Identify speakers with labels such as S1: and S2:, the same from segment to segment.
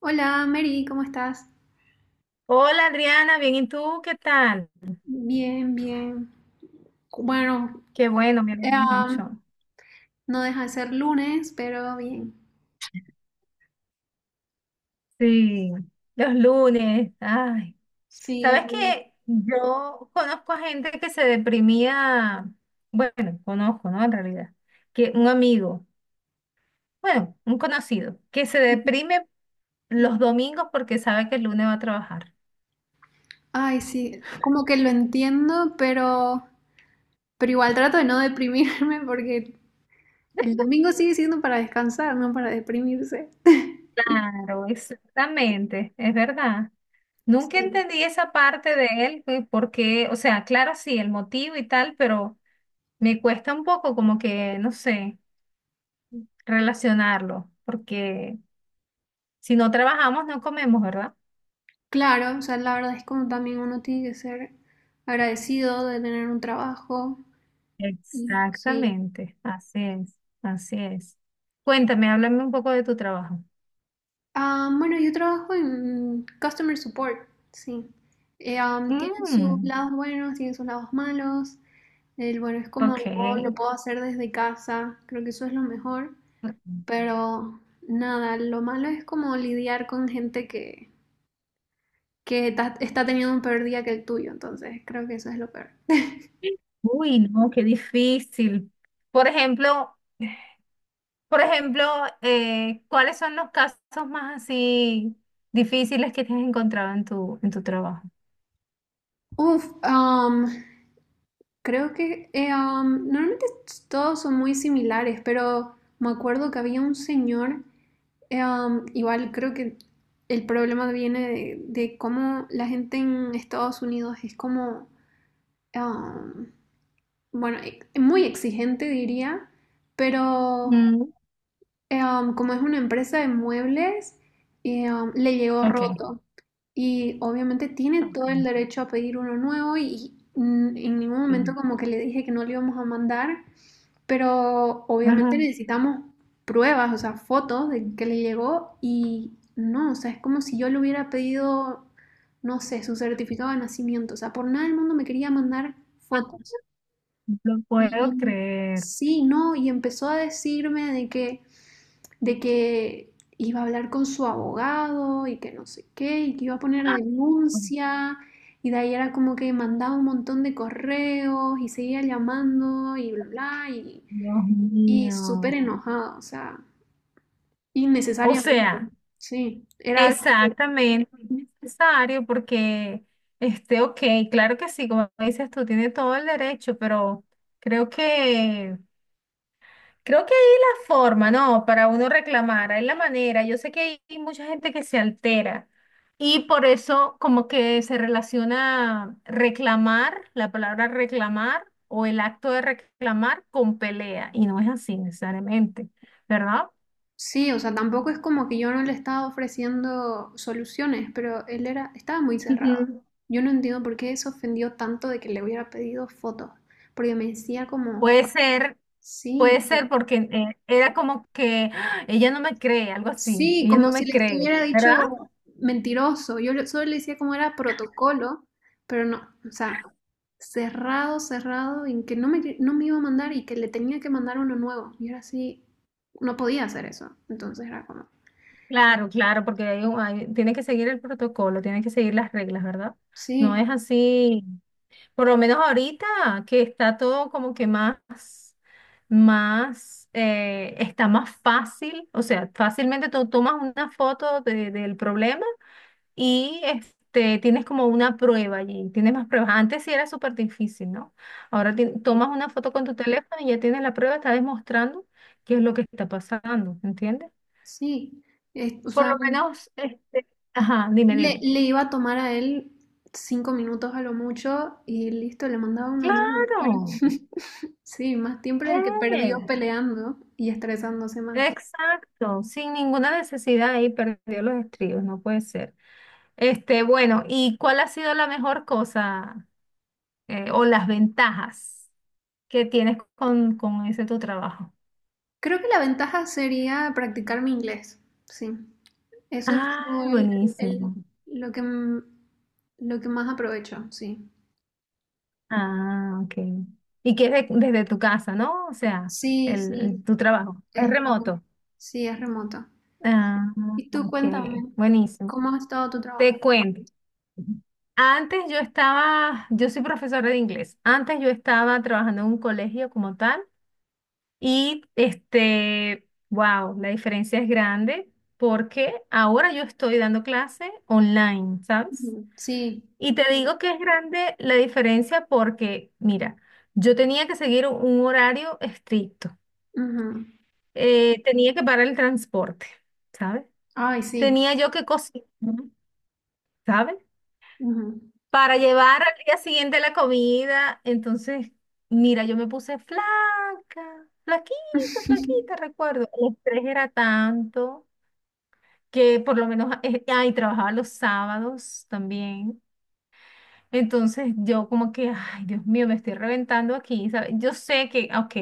S1: Hola, Mary, ¿cómo estás?
S2: Hola Adriana, bien, ¿y tú qué tal?
S1: Bien, bien. Bueno,
S2: Qué bueno, me
S1: eh,
S2: alegro
S1: am,
S2: mucho.
S1: no deja de ser lunes, pero bien.
S2: Sí, los lunes, ay.
S1: Sí,
S2: ¿Sabes
S1: bueno.
S2: qué? Yo conozco a gente que se deprimía, bueno, conozco, ¿no? En realidad, que un amigo, bueno, un conocido, que se deprime los domingos porque sabe que el lunes va a trabajar.
S1: Ay, sí, como que lo entiendo, pero igual trato de no deprimirme porque el domingo sigue siendo para descansar, no para deprimirse.
S2: Claro, exactamente, es verdad. Nunca
S1: Sí.
S2: entendí esa parte de él, güey, porque, o sea, claro, sí, el motivo y tal, pero me cuesta un poco como que, no sé, relacionarlo, porque si no trabajamos no comemos, ¿verdad?
S1: Claro, o sea, la verdad es como también uno tiene que ser agradecido de tener un trabajo. Y sí.
S2: Exactamente, así es, así es. Cuéntame, háblame un poco de tu trabajo.
S1: Ah, bueno, yo trabajo en customer support, sí. Tiene sus
S2: Mm,
S1: lados buenos, tiene sus lados malos. El bueno es como lo
S2: ok.
S1: puedo hacer desde casa, creo que eso es lo mejor.
S2: Ujú.
S1: Pero nada, lo malo es como lidiar con gente que está teniendo un peor día que el tuyo, entonces creo que eso es lo peor.
S2: Uy, no, qué difícil. Por ejemplo, por ejemplo, ¿cuáles son los casos más así difíciles que te has encontrado en tu trabajo?
S1: Uf, am, creo que normalmente todos son muy similares, pero me acuerdo que había un señor. Igual creo que el problema viene de cómo la gente en Estados Unidos es como, um, bueno, muy exigente diría, pero
S2: Mm,
S1: como es una empresa de muebles, le llegó
S2: ok.
S1: roto y obviamente tiene
S2: Ok,
S1: todo el derecho a pedir uno nuevo y en ningún momento
S2: sí.
S1: como que le dije que no le íbamos a mandar. Pero
S2: Ajá.
S1: obviamente necesitamos pruebas, o sea, fotos de que le llegó y no, o sea, es como si yo le hubiera pedido, no sé, su certificado de nacimiento, o sea, por nada del mundo me quería mandar fotos.
S2: Lo
S1: Y
S2: puedo creer.
S1: sí, no, y empezó a decirme de que iba a hablar con su abogado y que no sé qué, y que iba a poner
S2: ¡Ah! Oh,
S1: denuncia. Y de ahí era como que mandaba un montón de correos y seguía llamando y bla, bla,
S2: Dios
S1: y súper
S2: mío.
S1: enojada, o sea,
S2: O
S1: innecesariamente.
S2: sea,
S1: Sí, era algo que...
S2: exactamente necesario porque, este, ok, claro que sí, como dices tú, tiene todo el derecho, pero creo que creo que hay la forma, ¿no? Para uno reclamar, hay la manera. Yo sé que hay mucha gente que se altera y por eso como que se relaciona reclamar, la palabra reclamar o el acto de reclamar con pelea y no es así necesariamente, ¿verdad?
S1: Sí, o sea, tampoco es como que yo no le estaba ofreciendo soluciones, pero él era, estaba muy cerrado.
S2: Ujú.
S1: Yo no entiendo por qué se ofendió tanto de que le hubiera pedido fotos, porque me decía como,
S2: Puede ser,
S1: sí.
S2: puede ser porque era como que "Ah, ella no me cree", algo así,
S1: Sí,
S2: ella no
S1: como si
S2: me
S1: le
S2: cree,
S1: estuviera dicho
S2: ¿verdad?
S1: mentiroso. Yo le- solo le decía como era protocolo, pero no, o sea, cerrado, cerrado, en que- no me iba a mandar y que le tenía que mandar uno nuevo. Y ahora sí, no podía hacer eso. Entonces era como,
S2: Claro, claro, porque tiene que seguir el protocolo, tiene que seguir las reglas, ¿verdad? No
S1: sí,
S2: es así, por lo menos ahorita que está todo como que más, más, está más fácil, o sea, fácilmente tú tomas una foto del problema y este, tienes como una prueba allí, tienes más pruebas. Antes sí era súper difícil, ¿no? Ahora
S1: sí,
S2: tomas una foto con tu teléfono y ya tienes la prueba, está demostrando qué es lo que está pasando, ¿entiendes?
S1: sí. Es- o
S2: Por
S1: sea,
S2: lo menos, este, ajá, dime, dime.
S1: le iba a tomar a él 5 minutos a lo mucho y listo, le mandaba
S2: Sí.
S1: uno nuevo. Pero
S2: Claro,
S1: sí, más tiempo era el que perdió
S2: eh,
S1: peleando y estresándose más.
S2: exacto, sin ninguna necesidad ahí perdió los estribos, no puede ser. Este, bueno, ¿y cuál ha sido la mejor cosa o las ventajas que tienes con ese tu trabajo?
S1: Creo que la ventaja sería practicar mi inglés, sí. Eso es como
S2: Ah,
S1: el-
S2: buenísimo.
S1: lo que lo que más aprovecho, sí.
S2: Ah, ok. Y que es desde tu casa, ¿no? O sea,
S1: Sí,
S2: el,
S1: sí,
S2: tu trabajo
S1: es
S2: es
S1: lo mejor.
S2: remoto.
S1: Sí, es remota.
S2: Ah,
S1: Y tú
S2: ok,
S1: cuéntame,
S2: buenísimo.
S1: ¿cómo ha estado tu trabajo?
S2: Te cuento. Antes yo estaba, yo soy profesora de inglés. Antes yo estaba trabajando en un colegio como tal y este, wow, la diferencia es grande porque ahora yo estoy dando clase online, ¿sabes?
S1: Ujú, sí.
S2: Y te digo que es grande la diferencia porque, mira, yo tenía que seguir un horario estricto.
S1: Ujú.
S2: Tenía que parar el transporte, ¿sabes?
S1: Ay, sí.
S2: Tenía yo que cocinar, ¿sabes?
S1: Ujú.
S2: Para llevar al día siguiente la comida. Entonces, mira, yo me puse flaca, flaquita, flaquita, recuerdo. El estrés era tanto que por lo menos, ay, trabajaba los sábados también. Entonces yo como que, ay, Dios mío, me estoy reventando aquí, ¿sabes? Yo sé que, ok,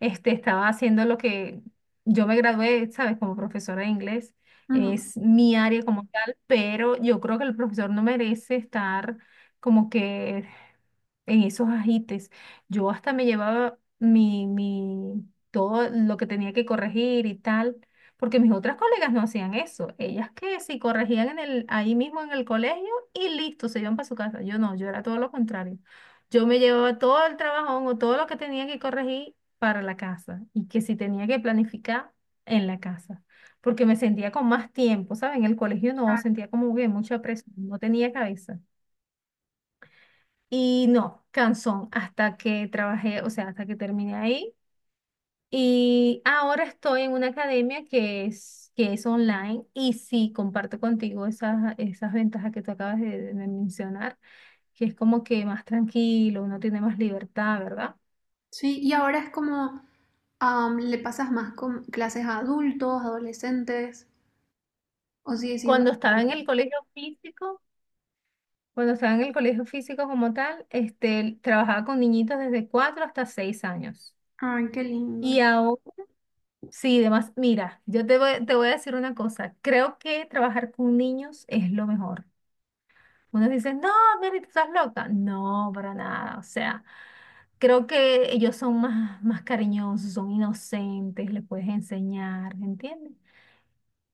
S2: este, estaba haciendo lo que yo me gradué, ¿sabes? Como profesora de inglés,
S1: Ujú,
S2: es mi área como tal, pero yo creo que el profesor no merece estar como que en esos ajites. Yo hasta me llevaba todo lo que tenía que corregir y tal, porque mis otras colegas no hacían eso. Ellas que sí corregían en el, ahí mismo en el colegio y listo, se iban para su casa. Yo no, yo era todo lo contrario. Yo me llevaba todo el trabajón o todo lo que tenía que corregir para la casa y que si tenía que planificar en la casa. Porque me sentía con más tiempo, ¿saben? En el colegio no,
S1: claro.
S2: sentía como que mucha presión, no tenía cabeza. Y no, Canson, hasta que trabajé, o sea, hasta que terminé ahí. Y ahora estoy en una academia que es online y sí, comparto contigo esas ventajas que tú acabas de mencionar, que es como que más tranquilo, uno tiene más libertad, ¿verdad?
S1: Sí, y ahora es como, le pasas más con clases a adultos, adolescentes, o sigue siendo...
S2: Cuando estaba
S1: como-
S2: en el colegio físico, cuando estaba en el colegio físico como tal, este, trabajaba con niñitos desde 4 hasta 6 años.
S1: Ay, qué lindo.
S2: Y ahora sí, además, mira, yo te voy a decir una cosa. Creo que trabajar con niños es lo mejor. Unos dicen, no, Mary, tú estás loca. No, para nada. O sea, creo que ellos son más, más cariñosos, son inocentes, les puedes enseñar, ¿entiendes?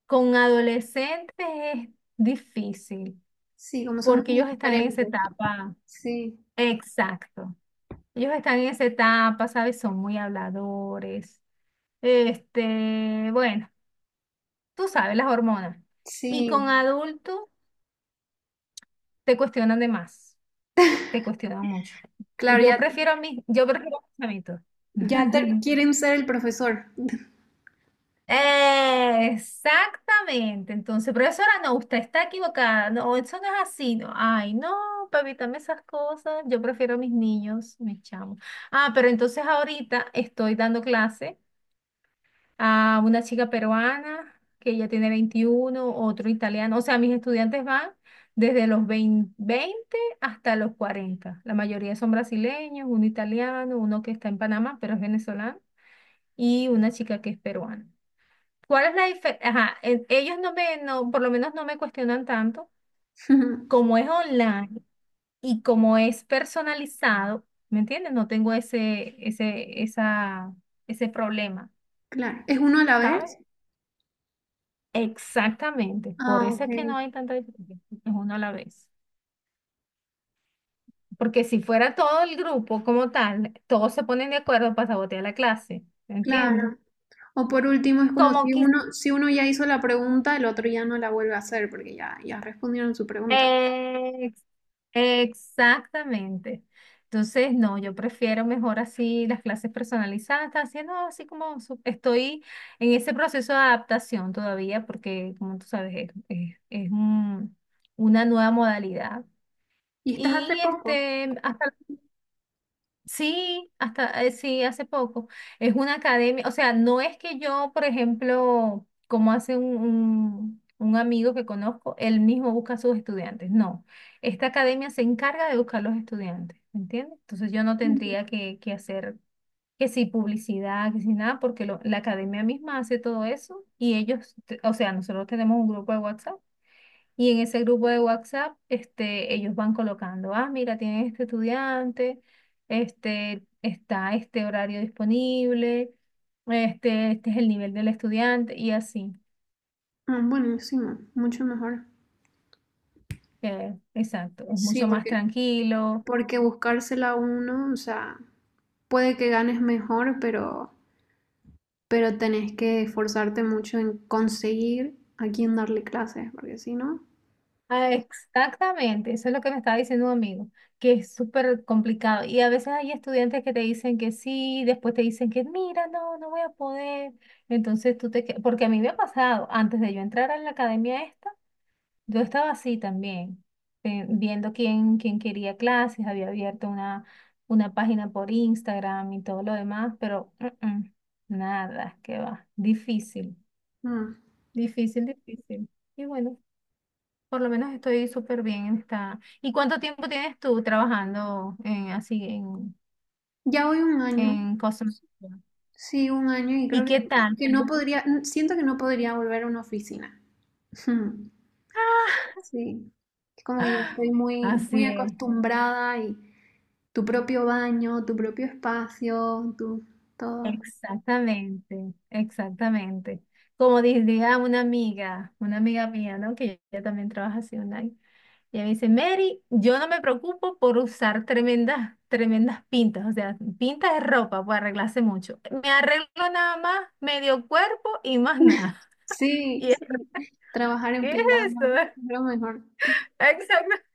S2: Con adolescentes es difícil
S1: Sí, como somos
S2: porque
S1: muy
S2: ellos están en
S1: diferentes.
S2: esa etapa.
S1: Sí,
S2: Exacto. Ellos están en esa etapa, ¿sabes? Son muy habladores. Este, bueno, tú sabes, las hormonas. Y
S1: sí.
S2: con adultos te cuestionan de más, te cuestionan mucho.
S1: Claro,
S2: Yo
S1: ya,
S2: prefiero a mí, yo prefiero a mis chamitos.
S1: ya te- quieren ser el profesor.
S2: Exactamente, entonces, profesora, no, usted está equivocada, no, eso no es así, no, ay, no, para evitarme esas cosas, yo prefiero a mis niños, mis chamos. Ah, pero entonces ahorita estoy dando clase a una chica peruana que ya tiene 21, otro italiano. O sea, mis estudiantes van desde los 20 20 hasta los 40. La mayoría son brasileños, uno italiano, uno que está en Panamá, pero es venezolano, y una chica que es peruana. ¿Cuál es la diferencia? Ajá, ellos no me, no, por lo menos no me cuestionan tanto. Como es online y como es personalizado, ¿me entiendes? No tengo ese problema.
S1: Claro. ¿Es uno a la
S2: ¿Sabes?
S1: vez?
S2: Exactamente, por
S1: Ah,
S2: eso
S1: ok.
S2: es que no hay tanta diferencia, es uno a la vez. Porque si fuera todo el grupo como tal, todos se ponen de acuerdo para sabotear la clase, ¿entiendes?
S1: Claro. O por último, es como
S2: Como
S1: si
S2: quis-
S1: uno, si uno ya hizo la pregunta, el otro ya no la vuelve a hacer porque ya, ya respondieron su pregunta.
S2: ex- Exactamente. Entonces, no, yo prefiero mejor así las clases personalizadas, haciendo así estoy en ese proceso de adaptación todavía, porque como tú sabes, es una nueva modalidad.
S1: ¿Y estás hace
S2: Y
S1: poco?
S2: este, hasta sí, hasta, sí, hace poco. Es una academia, o sea, no es que yo, por ejemplo, como hace un amigo que conozco, él mismo busca a sus estudiantes. No, esta academia se encarga de buscar los estudiantes, ¿me entiendes? Entonces yo no
S1: Ujú.
S2: tendría que hacer que si publicidad, que si nada, porque la academia misma hace todo eso y ellos, o sea, nosotros tenemos un grupo de WhatsApp. Y en ese grupo de WhatsApp, este, ellos van colocando, ah, mira, tienen este estudiante, este, está este horario disponible, este es el nivel del estudiante, y así.
S1: Ah, buenísimo, mucho mejor.
S2: Exacto, es
S1: Sí,
S2: mucho más
S1: porque,
S2: tranquilo.
S1: porque buscársela uno, o sea, puede que ganes mejor, pero tenés que esforzarte mucho en conseguir a quién darle clases, porque si no,
S2: Ah, exactamente, eso es lo que me estaba diciendo un amigo, que es súper complicado. Y a veces hay estudiantes que te dicen que sí, después te dicen que mira, no, no voy a poder. Entonces porque a mí me ha pasado, antes de yo entrar a la academia esta, yo estaba así también, viendo quién quería clases, había abierto una página por Instagram y todo lo demás, pero mm, mm, nada, que va, difícil,
S1: mm.
S2: difícil, difícil. Y bueno, por lo menos estoy súper bien en esta. ¿Y cuánto tiempo tienes tú trabajando en, así en,
S1: Ya voy un año,
S2: en cosas?
S1: sí, un año y creo
S2: ¿Y qué tal?
S1: que no podría, siento que no podría volver a una oficina. Sí, es como que ya estoy muy,
S2: Así
S1: muy
S2: es.
S1: acostumbrada y tu propio baño, tu propio espacio, tu todo.
S2: Exactamente, exactamente. Como diría una amiga mía, ¿no? Que ella también trabaja así online. Y ella me dice, Mary, yo no me preocupo por usar tremendas, tremendas pintas, o sea, pintas de ropa, pues arreglarse mucho. Me arreglo nada más medio cuerpo y más nada.
S1: Sí,
S2: Y es,
S1: sí, trabajar en
S2: ¿qué es eso?
S1: pijama es lo mejor.
S2: Exactamente.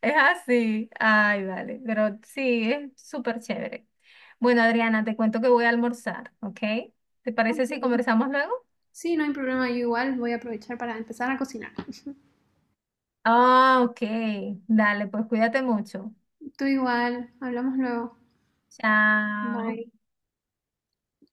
S2: Es así. Ay, vale. Pero sí, es súper chévere. Bueno, Adriana, te cuento que voy a almorzar, ¿ok? ¿Te parece si
S1: Ok.
S2: conversamos luego?
S1: Sí, no hay problema, yo igual voy a aprovechar para empezar a cocinar.
S2: Ah, ok. Dale, pues cuídate mucho.
S1: Tú igual, hablamos luego.
S2: Chao.
S1: Bye.